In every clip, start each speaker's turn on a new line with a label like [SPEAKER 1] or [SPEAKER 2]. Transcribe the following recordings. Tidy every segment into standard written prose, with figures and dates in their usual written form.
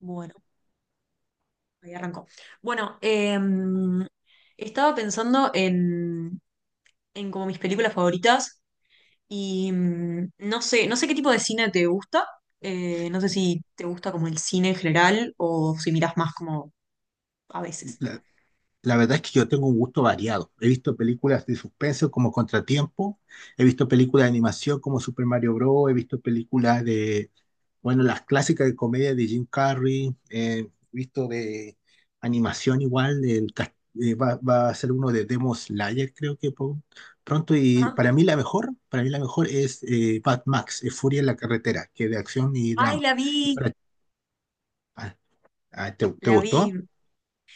[SPEAKER 1] Bueno, ahí arrancó. Bueno, estaba pensando en como mis películas favoritas y no sé, no sé qué tipo de cine te gusta. No sé si te gusta como el cine en general o si mirás más como a veces.
[SPEAKER 2] La, la verdad es que yo tengo un gusto variado. He visto películas de suspenso como Contratiempo, he visto películas de animación como Super Mario Bros., he visto películas de, bueno, las clásicas de comedia de Jim Carrey, he visto de animación igual, va a ser uno de Demon Slayer creo que pronto. Y
[SPEAKER 1] Ajá.
[SPEAKER 2] para mí la mejor, para mí la mejor es Mad Max, Furia en la carretera, que es de acción y
[SPEAKER 1] Ay,
[SPEAKER 2] drama.
[SPEAKER 1] la
[SPEAKER 2] Y
[SPEAKER 1] vi,
[SPEAKER 2] para- ah, ah, ¿te
[SPEAKER 1] la vi.
[SPEAKER 2] gustó?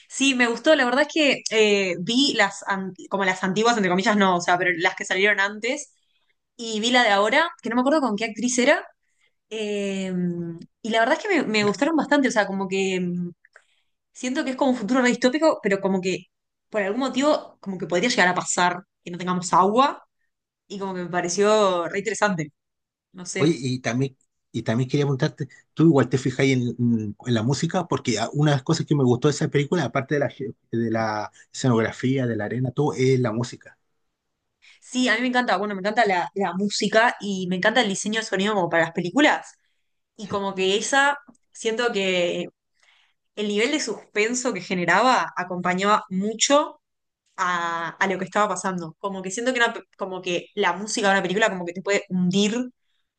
[SPEAKER 1] Sí, me gustó. La verdad es que vi las como las antiguas, entre comillas, no, o sea, pero las que salieron antes y vi la de ahora, que no me acuerdo con qué actriz era. Eh, y la verdad es que me gustaron bastante, o sea, como que siento que es como un futuro re distópico, pero como que por algún motivo como que podría llegar a pasar que no tengamos agua y como que me pareció re interesante, no
[SPEAKER 2] Oye,
[SPEAKER 1] sé.
[SPEAKER 2] y también quería preguntarte, ¿tú igual te fijas en, la música? Porque una de las cosas que me gustó de esa película, aparte de la, de la escenografía, de la arena, todo, es la música.
[SPEAKER 1] Sí, a mí me encanta, bueno, me encanta la música y me encanta el diseño de sonido como para las películas y
[SPEAKER 2] Sí.
[SPEAKER 1] como que esa, siento que el nivel de suspenso que generaba acompañaba mucho a lo que estaba pasando. Como que siento que, una como que la música de una película como que te puede hundir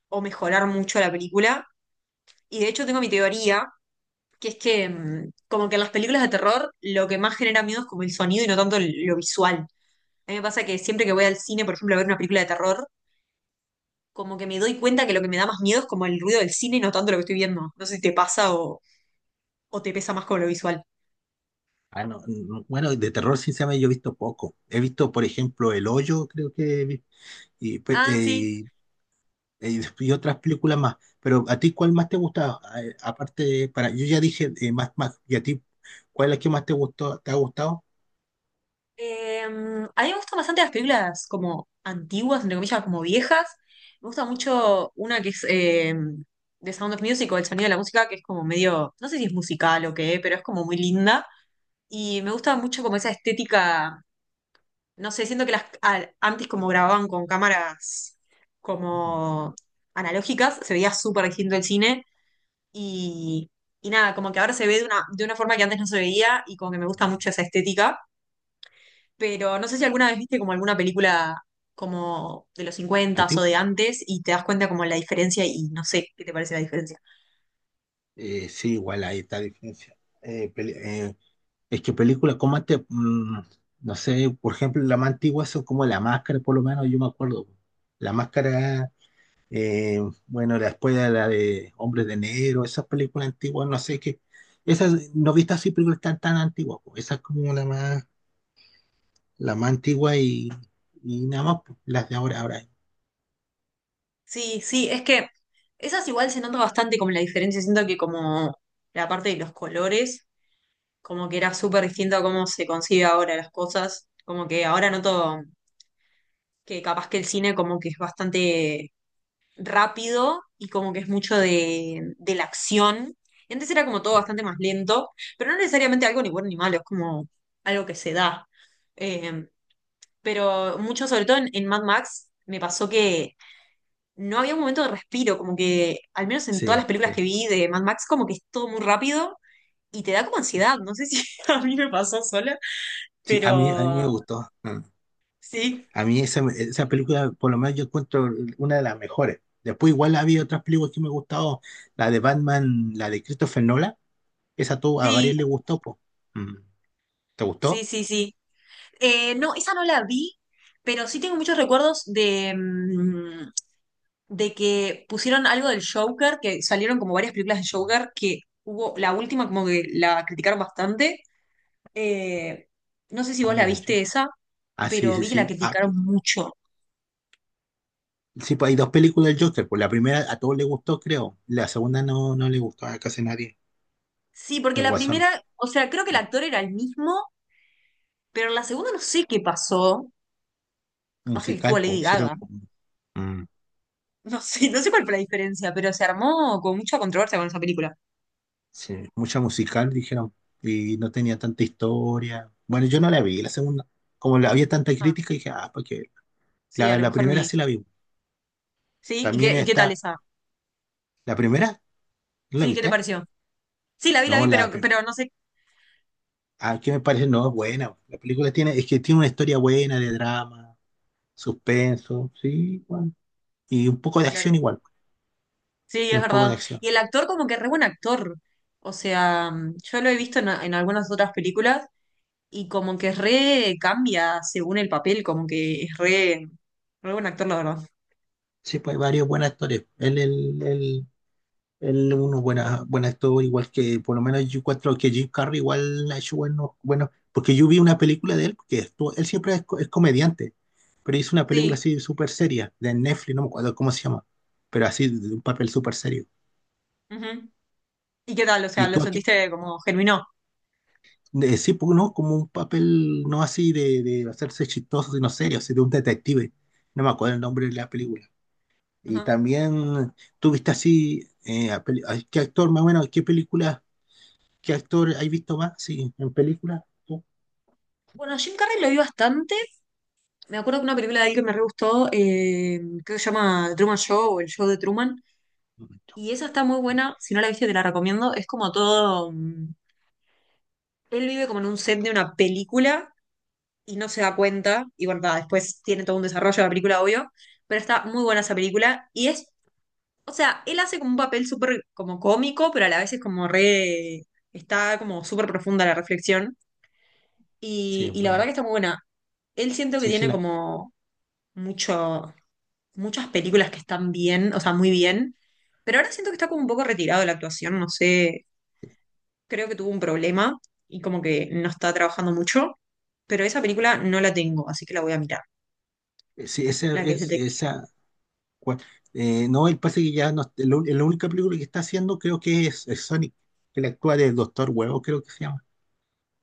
[SPEAKER 1] o mejorar mucho la película. Y de hecho tengo mi teoría, que es que como que en las películas de terror lo que más genera miedo es como el sonido y no tanto lo visual. A mí me pasa que siempre que voy al cine, por ejemplo, a ver una película de terror, como que me doy cuenta que lo que me da más miedo es como el ruido del cine y no tanto lo que estoy viendo. No sé si te pasa o te pesa más con lo visual.
[SPEAKER 2] Ah, no, no, bueno, de terror sinceramente yo he visto poco. He visto, por ejemplo, El Hoyo, creo que, y, pe-
[SPEAKER 1] Ah, sí.
[SPEAKER 2] eh, y otras películas más. Pero ¿a ti cuál más te gustaba? Aparte, para, yo ya dije más, más, ¿y a ti cuál es la que más te gustó, te ha gustado?
[SPEAKER 1] A mí me gustan bastante las películas como antiguas, entre comillas, como viejas. Me gusta mucho una que es de Sound of Music o El sonido de la música, que es como medio, no sé si es musical o qué, pero es como muy linda. Y me gusta mucho como esa estética, no sé, siento que las antes como grababan con cámaras
[SPEAKER 2] Ujú.
[SPEAKER 1] como analógicas, se veía súper distinto el cine. Y, y nada, como que ahora se ve de una forma que antes no se veía y como que me gusta mucho esa estética. Pero no sé si alguna vez viste como alguna película como de los 50 o
[SPEAKER 2] Antigua.
[SPEAKER 1] de antes y te das cuenta como la diferencia y no sé qué te parece la diferencia.
[SPEAKER 2] Sí, igual ahí está la diferencia. Es que películas como antes, no sé, por ejemplo, las más antiguas son como La Máscara, por lo menos yo me acuerdo. La Máscara, eh, bueno, después de la de Hombres de Negro, esas películas antiguas, no sé qué. Esas, no he visto así películas tan, tan antiguas, pues. Esa es como la más antigua y nada más, pues, las de ahora, ahora.
[SPEAKER 1] Sí, sí, es que esas igual se nota bastante como la diferencia. Siento que como la parte de los colores, como que era súper distinto a cómo se concibe ahora las cosas. Como que ahora noto que capaz que el cine como que es bastante rápido y como que es mucho de la acción. Y antes era como todo bastante más lento, pero no necesariamente algo ni bueno ni malo, es como algo que se da. Eh, pero mucho, sobre todo en Mad Max, me pasó que no había un momento de respiro, como que al menos en todas
[SPEAKER 2] Sí,
[SPEAKER 1] las películas
[SPEAKER 2] sí.
[SPEAKER 1] que vi de Mad Max, como que es todo muy rápido y te da como ansiedad. No sé si a mí me pasó sola,
[SPEAKER 2] Sí, a mí me
[SPEAKER 1] pero
[SPEAKER 2] gustó. Mm.
[SPEAKER 1] sí,
[SPEAKER 2] A mí esa, esa película, por lo menos yo encuentro una de las mejores. Después igual había otras películas que me gustado, la de Batman, la de Christopher Nolan, esa tú, a
[SPEAKER 1] sí,
[SPEAKER 2] varios le gustó, po. Mm. ¿Te
[SPEAKER 1] sí,
[SPEAKER 2] gustó?
[SPEAKER 1] sí, sí. No, esa no la vi, pero sí tengo muchos recuerdos de que pusieron algo del Joker, que salieron como varias películas de Joker, que hubo la última como que la criticaron bastante. Eh, no sé si
[SPEAKER 2] Ah,
[SPEAKER 1] vos la
[SPEAKER 2] la yo.
[SPEAKER 1] viste esa,
[SPEAKER 2] Ah, sí,
[SPEAKER 1] pero
[SPEAKER 2] sí,
[SPEAKER 1] vi que la
[SPEAKER 2] sí. Ah,
[SPEAKER 1] criticaron mucho.
[SPEAKER 2] sí, pues hay dos películas del Joker, pues la primera a todos les gustó, creo. La segunda no, no le gustó a casi nadie,
[SPEAKER 1] Sí, porque
[SPEAKER 2] el
[SPEAKER 1] la
[SPEAKER 2] Guasón.
[SPEAKER 1] primera, o sea, creo que el actor era el mismo, pero en la segunda no sé qué pasó. Capaz que estuvo
[SPEAKER 2] Musical,
[SPEAKER 1] Lady
[SPEAKER 2] pues
[SPEAKER 1] Gaga.
[SPEAKER 2] mm,
[SPEAKER 1] No sé, no sé cuál fue la diferencia, pero se armó con mucha controversia con esa película.
[SPEAKER 2] sí, mucha musical, dijeron, y no tenía tanta historia. Bueno, yo no la vi, la segunda. Como la había tanta
[SPEAKER 1] Ah,
[SPEAKER 2] crítica, dije, ah, pues
[SPEAKER 1] sí, a
[SPEAKER 2] La,
[SPEAKER 1] lo
[SPEAKER 2] la
[SPEAKER 1] mejor
[SPEAKER 2] primera
[SPEAKER 1] ni.
[SPEAKER 2] sí la vi.
[SPEAKER 1] ¿Sí?
[SPEAKER 2] También
[SPEAKER 1] Y qué tal
[SPEAKER 2] está.
[SPEAKER 1] esa?
[SPEAKER 2] ¿La primera? ¿No la
[SPEAKER 1] Sí, ¿qué te
[SPEAKER 2] viste?
[SPEAKER 1] pareció? Sí, la
[SPEAKER 2] No,
[SPEAKER 1] vi,
[SPEAKER 2] la prim-
[SPEAKER 1] pero no sé.
[SPEAKER 2] ¿qué me parece? No, es buena. La película tiene, es que tiene una historia buena de drama, suspenso, sí, bueno, y un poco de acción
[SPEAKER 1] Claro.
[SPEAKER 2] igual.
[SPEAKER 1] Sí, es
[SPEAKER 2] Tiene un poco de
[SPEAKER 1] verdad.
[SPEAKER 2] acción.
[SPEAKER 1] Y el actor como que re buen actor. O sea, yo lo he visto en algunas otras películas y como que re cambia según el papel, como que es re, re buen actor, la verdad.
[SPEAKER 2] Sí, pues hay varias buenas historias. Él es un buena, buen actor, igual que por lo menos yo encuentro que Jim Carrey igual ha hecho buenos, bueno, porque yo vi una película de él, que él siempre es, es comediante, pero hizo una película
[SPEAKER 1] Sí.
[SPEAKER 2] así súper seria, de Netflix, no me acuerdo cómo se llama, pero así, de un papel súper serio.
[SPEAKER 1] Ujú. ¿Y qué tal? O sea,
[SPEAKER 2] Y
[SPEAKER 1] ¿lo
[SPEAKER 2] tú aquí,
[SPEAKER 1] sentiste como germinó?
[SPEAKER 2] de, sí, pues, no, como un papel no así de hacerse chistoso, sino serio, así de un detective, no me acuerdo el nombre de la película. Y
[SPEAKER 1] Ajá.
[SPEAKER 2] también tuviste así, ¿qué actor más o menos, qué película? ¿Qué actor hay visto más? Sí, en películas, tú.
[SPEAKER 1] Bueno, Jim Carrey lo vi bastante. Me acuerdo que una película de él que me re gustó, creo que se llama Truman Show o El Show de Truman. Y esa está muy buena, si no la viste te la recomiendo. Es como todo... Él vive como en un set de una película y no se da cuenta. Y bueno, nada, después tiene todo un desarrollo de la película, obvio. Pero está muy buena esa película. Y es, o sea, él hace como un papel súper como cómico, pero a la vez es como re. Está como súper profunda la reflexión.
[SPEAKER 2] Sí, es
[SPEAKER 1] Y la verdad que
[SPEAKER 2] buena.
[SPEAKER 1] está muy buena. Él siento que
[SPEAKER 2] Sí, sí,
[SPEAKER 1] tiene
[SPEAKER 2] la,
[SPEAKER 1] como mucho, muchas películas que están bien, o sea, muy bien. Pero ahora siento que está como un poco retirado de la actuación, no sé, creo que tuvo un problema y como que no está trabajando mucho, pero esa película no la tengo, así que la voy a mirar,
[SPEAKER 2] sí, esa,
[SPEAKER 1] la que es detective.
[SPEAKER 2] esa, cua- no, el pase que ya no, la única película que está haciendo creo que es Sonic, que le actúa del Doctor Huevo, creo que se llama.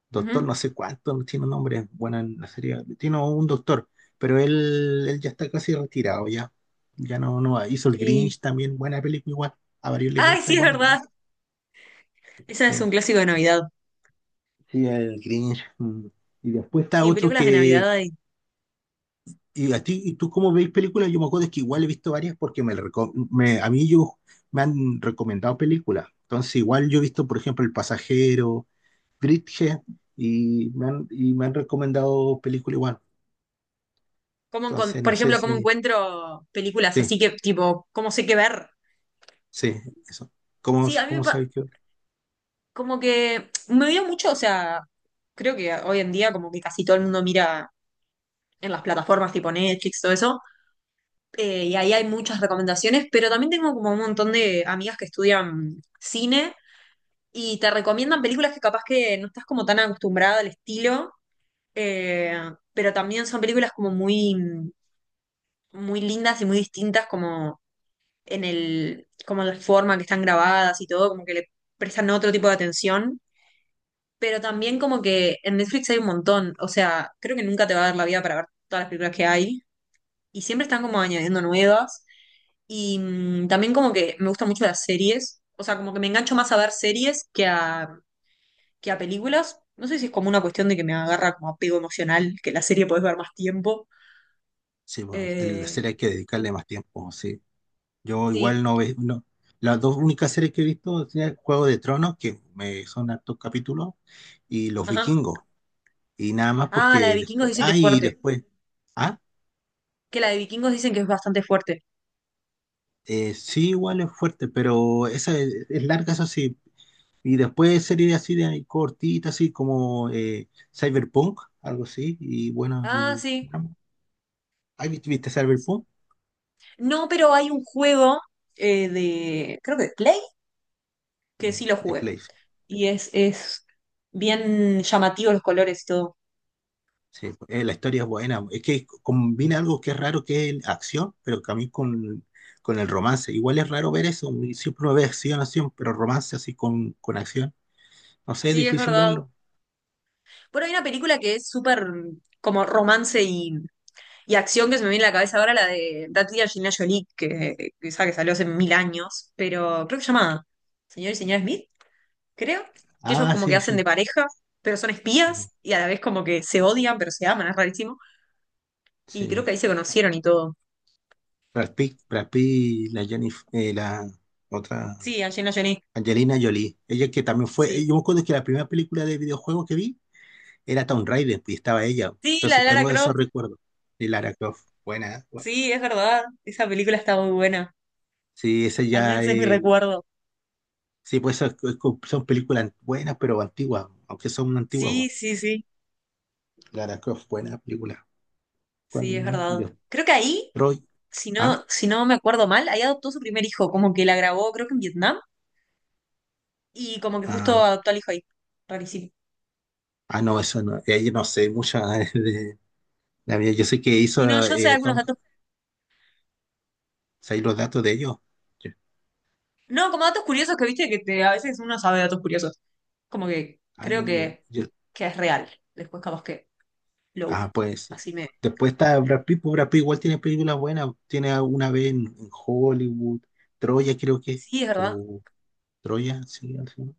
[SPEAKER 2] Doctor no
[SPEAKER 1] Ujú.
[SPEAKER 2] sé cuánto, no tiene un nombre, bueno, en la serie, tiene un doctor, pero él ya está casi retirado ya, ya no, no va. Hizo el
[SPEAKER 1] Sí.
[SPEAKER 2] Grinch también, buena película igual, a varios les
[SPEAKER 1] Ay,
[SPEAKER 2] gusta
[SPEAKER 1] sí, es
[SPEAKER 2] igual el
[SPEAKER 1] verdad.
[SPEAKER 2] Grinch.
[SPEAKER 1] Esa es un
[SPEAKER 2] Sí,
[SPEAKER 1] clásico de Navidad.
[SPEAKER 2] sí, el Grinch. Mm. Y después está
[SPEAKER 1] Sí,
[SPEAKER 2] otro
[SPEAKER 1] películas de
[SPEAKER 2] que,
[SPEAKER 1] Navidad. Y
[SPEAKER 2] y a ti, ¿y tú cómo veis películas? Yo me acuerdo es que igual he visto varias porque me, a mí yo, me han recomendado películas, entonces igual yo he visto, por ejemplo, El Pasajero, Bridget, y me han recomendado películas igual.
[SPEAKER 1] ¿Cómo
[SPEAKER 2] Entonces,
[SPEAKER 1] por
[SPEAKER 2] no sé
[SPEAKER 1] ejemplo, cómo
[SPEAKER 2] si
[SPEAKER 1] encuentro películas
[SPEAKER 2] sí,
[SPEAKER 1] así que, tipo, cómo sé qué ver?
[SPEAKER 2] sí, eso. ¿Cómo,
[SPEAKER 1] Sí, a mí
[SPEAKER 2] cómo sabéis que
[SPEAKER 1] como que me dio mucho, o sea, creo que hoy en día como que casi todo el mundo mira en las plataformas tipo Netflix, todo eso. Y ahí hay muchas recomendaciones, pero también tengo como un montón de amigas que estudian cine y te recomiendan películas que capaz que no estás como tan acostumbrada al estilo, eh, pero también son películas como muy, muy lindas y muy distintas como en el, como la forma que están grabadas y todo, como que le prestan otro tipo de atención, pero también como que en Netflix hay un montón, o sea, creo que nunca te va a dar la vida para ver todas las películas que hay y siempre están como añadiendo nuevas. Y también como que me gustan mucho las series, o sea, como que me engancho más a ver series que que a películas. No sé si es como una cuestión de que me agarra como apego emocional, que la serie podés ver más tiempo.
[SPEAKER 2] sí, bueno, en la
[SPEAKER 1] Eh,
[SPEAKER 2] serie hay que dedicarle más tiempo, sí. Yo
[SPEAKER 1] sí,
[SPEAKER 2] igual no veo, no. Las dos únicas series que he visto son Juego de Tronos, que me son hartos capítulos, y Los
[SPEAKER 1] ajá.
[SPEAKER 2] Vikingos. Y nada más
[SPEAKER 1] Ah, la de
[SPEAKER 2] porque
[SPEAKER 1] Vikingos
[SPEAKER 2] después,
[SPEAKER 1] dicen que
[SPEAKER 2] ah,
[SPEAKER 1] es
[SPEAKER 2] y
[SPEAKER 1] fuerte,
[SPEAKER 2] después, ah,
[SPEAKER 1] que la de Vikingos dicen que es bastante fuerte.
[SPEAKER 2] sí, igual es fuerte, pero esa es larga, eso sí. Y después series así de cortitas, así como Cyberpunk, algo así, y bueno,
[SPEAKER 1] Ah,
[SPEAKER 2] y...
[SPEAKER 1] sí.
[SPEAKER 2] ¿Has visto, viste Cyberpunk?
[SPEAKER 1] No, pero hay un juego de, creo que de Play, que sí
[SPEAKER 2] Mm,
[SPEAKER 1] lo
[SPEAKER 2] de
[SPEAKER 1] jugué.
[SPEAKER 2] Play, sí.
[SPEAKER 1] Y es bien llamativo los colores y todo.
[SPEAKER 2] Sí, la historia es buena. Es que combina algo que es raro, que es acción, pero también con el romance. Igual es raro ver eso. Siempre uno ve acción, acción, pero romance así con acción. No sé, es
[SPEAKER 1] Sí, es
[SPEAKER 2] difícil
[SPEAKER 1] verdad.
[SPEAKER 2] verlo.
[SPEAKER 1] Bueno, hay una película que es súper como romance y acción que se me viene a la cabeza ahora, la de Tati y Angelina Jolie, que esa que salió hace mil años, pero creo que se llama Señor y Señora Smith, creo, que ellos
[SPEAKER 2] Ah,
[SPEAKER 1] como que
[SPEAKER 2] sí,
[SPEAKER 1] hacen de
[SPEAKER 2] sí.
[SPEAKER 1] pareja, pero son
[SPEAKER 2] Mm,
[SPEAKER 1] espías y a la vez como que se odian, pero se aman, es rarísimo. Y creo
[SPEAKER 2] sí.
[SPEAKER 1] que ahí se conocieron y todo.
[SPEAKER 2] Brad Pitt, Brad Pitt, la Jennifer, la otra,
[SPEAKER 1] Sí, Angelina Jolie,
[SPEAKER 2] Angelina Jolie. Ella que también fue,
[SPEAKER 1] sí.
[SPEAKER 2] yo me acuerdo que la primera película de videojuego que vi era Tomb Raider y estaba ella.
[SPEAKER 1] Sí, la
[SPEAKER 2] Entonces
[SPEAKER 1] de Lara
[SPEAKER 2] tengo esos
[SPEAKER 1] Croft,
[SPEAKER 2] recuerdos de Lara Croft. Buena, ¿eh? Bueno,
[SPEAKER 1] sí, es verdad, esa película está muy buena,
[SPEAKER 2] sí, esa
[SPEAKER 1] al
[SPEAKER 2] ya
[SPEAKER 1] menos es mi
[SPEAKER 2] es
[SPEAKER 1] recuerdo.
[SPEAKER 2] sí, pues esas son películas buenas, pero antiguas, aunque son antiguas,
[SPEAKER 1] Sí,
[SPEAKER 2] po.
[SPEAKER 1] sí, sí,
[SPEAKER 2] Lara Croft, buena película. ¿Cuál
[SPEAKER 1] sí, es
[SPEAKER 2] más? Y
[SPEAKER 1] verdad.
[SPEAKER 2] de
[SPEAKER 1] Creo que ahí...
[SPEAKER 2] Troy.
[SPEAKER 1] si
[SPEAKER 2] ¿Ah?
[SPEAKER 1] no, si no me acuerdo mal, ahí adoptó su primer hijo, como que la grabó, creo que en Vietnam, y como que justo
[SPEAKER 2] Ah,
[SPEAKER 1] adoptó al hijo ahí. Rarísimo.
[SPEAKER 2] ah, no, eso no. Yo no sé mucho de la vida. Yo sé que
[SPEAKER 1] Si no,
[SPEAKER 2] hizo
[SPEAKER 1] yo sé algunos
[SPEAKER 2] Tom.
[SPEAKER 1] datos.
[SPEAKER 2] ¿Sabéis los datos de ellos? Yo-
[SPEAKER 1] No, como datos curiosos que viste que te- a veces uno sabe datos curiosos. Como que
[SPEAKER 2] Ah,
[SPEAKER 1] creo que es real. Después capaz que lo
[SPEAKER 2] ah,
[SPEAKER 1] busco.
[SPEAKER 2] pues.
[SPEAKER 1] Así me...
[SPEAKER 2] Después está Brad Pitt, pues Brad Pitt igual tiene películas buenas. Tiene una vez en Hollywood. Troya, creo que.
[SPEAKER 1] Sí, es verdad.
[SPEAKER 2] O Troya, sí, al final.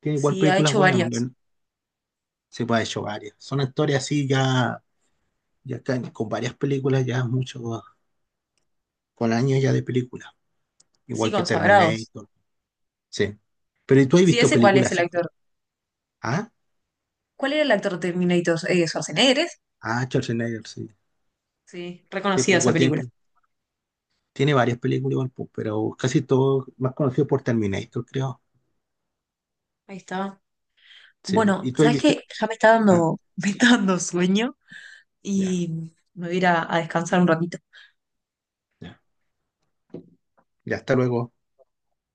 [SPEAKER 2] Tiene igual
[SPEAKER 1] Sí, ha
[SPEAKER 2] películas
[SPEAKER 1] hecho
[SPEAKER 2] buenas.
[SPEAKER 1] varias.
[SPEAKER 2] Se puede ha hecho varias. Son historias así ya, ya está, con varias películas, ya mucho, con años ya de películas,
[SPEAKER 1] Sí,
[SPEAKER 2] igual que
[SPEAKER 1] consagrados.
[SPEAKER 2] Terminator, sí. Pero ¿y tú has
[SPEAKER 1] Sí,
[SPEAKER 2] visto
[SPEAKER 1] ese cuál es
[SPEAKER 2] películas
[SPEAKER 1] el
[SPEAKER 2] así?
[SPEAKER 1] actor.
[SPEAKER 2] ¿Ah?
[SPEAKER 1] ¿Cuál era el actor de Terminator? Schwarzenegger. ¿Es?
[SPEAKER 2] Ah, Schwarzenegger, sí.
[SPEAKER 1] Sí,
[SPEAKER 2] Sí,
[SPEAKER 1] reconocida
[SPEAKER 2] pues
[SPEAKER 1] esa
[SPEAKER 2] igual tiene,
[SPEAKER 1] película.
[SPEAKER 2] tiene varias películas, igual, pues, pero casi todo más conocido por Terminator, creo.
[SPEAKER 1] Ahí está.
[SPEAKER 2] Sí, pues,
[SPEAKER 1] Bueno,
[SPEAKER 2] ¿y tú has
[SPEAKER 1] ¿sabes
[SPEAKER 2] visto?
[SPEAKER 1] qué? Ya me está
[SPEAKER 2] Ah,
[SPEAKER 1] dando, me está dando sueño.
[SPEAKER 2] ya,
[SPEAKER 1] Y me voy a ir a descansar un ratito.
[SPEAKER 2] ya. Ya, hasta luego.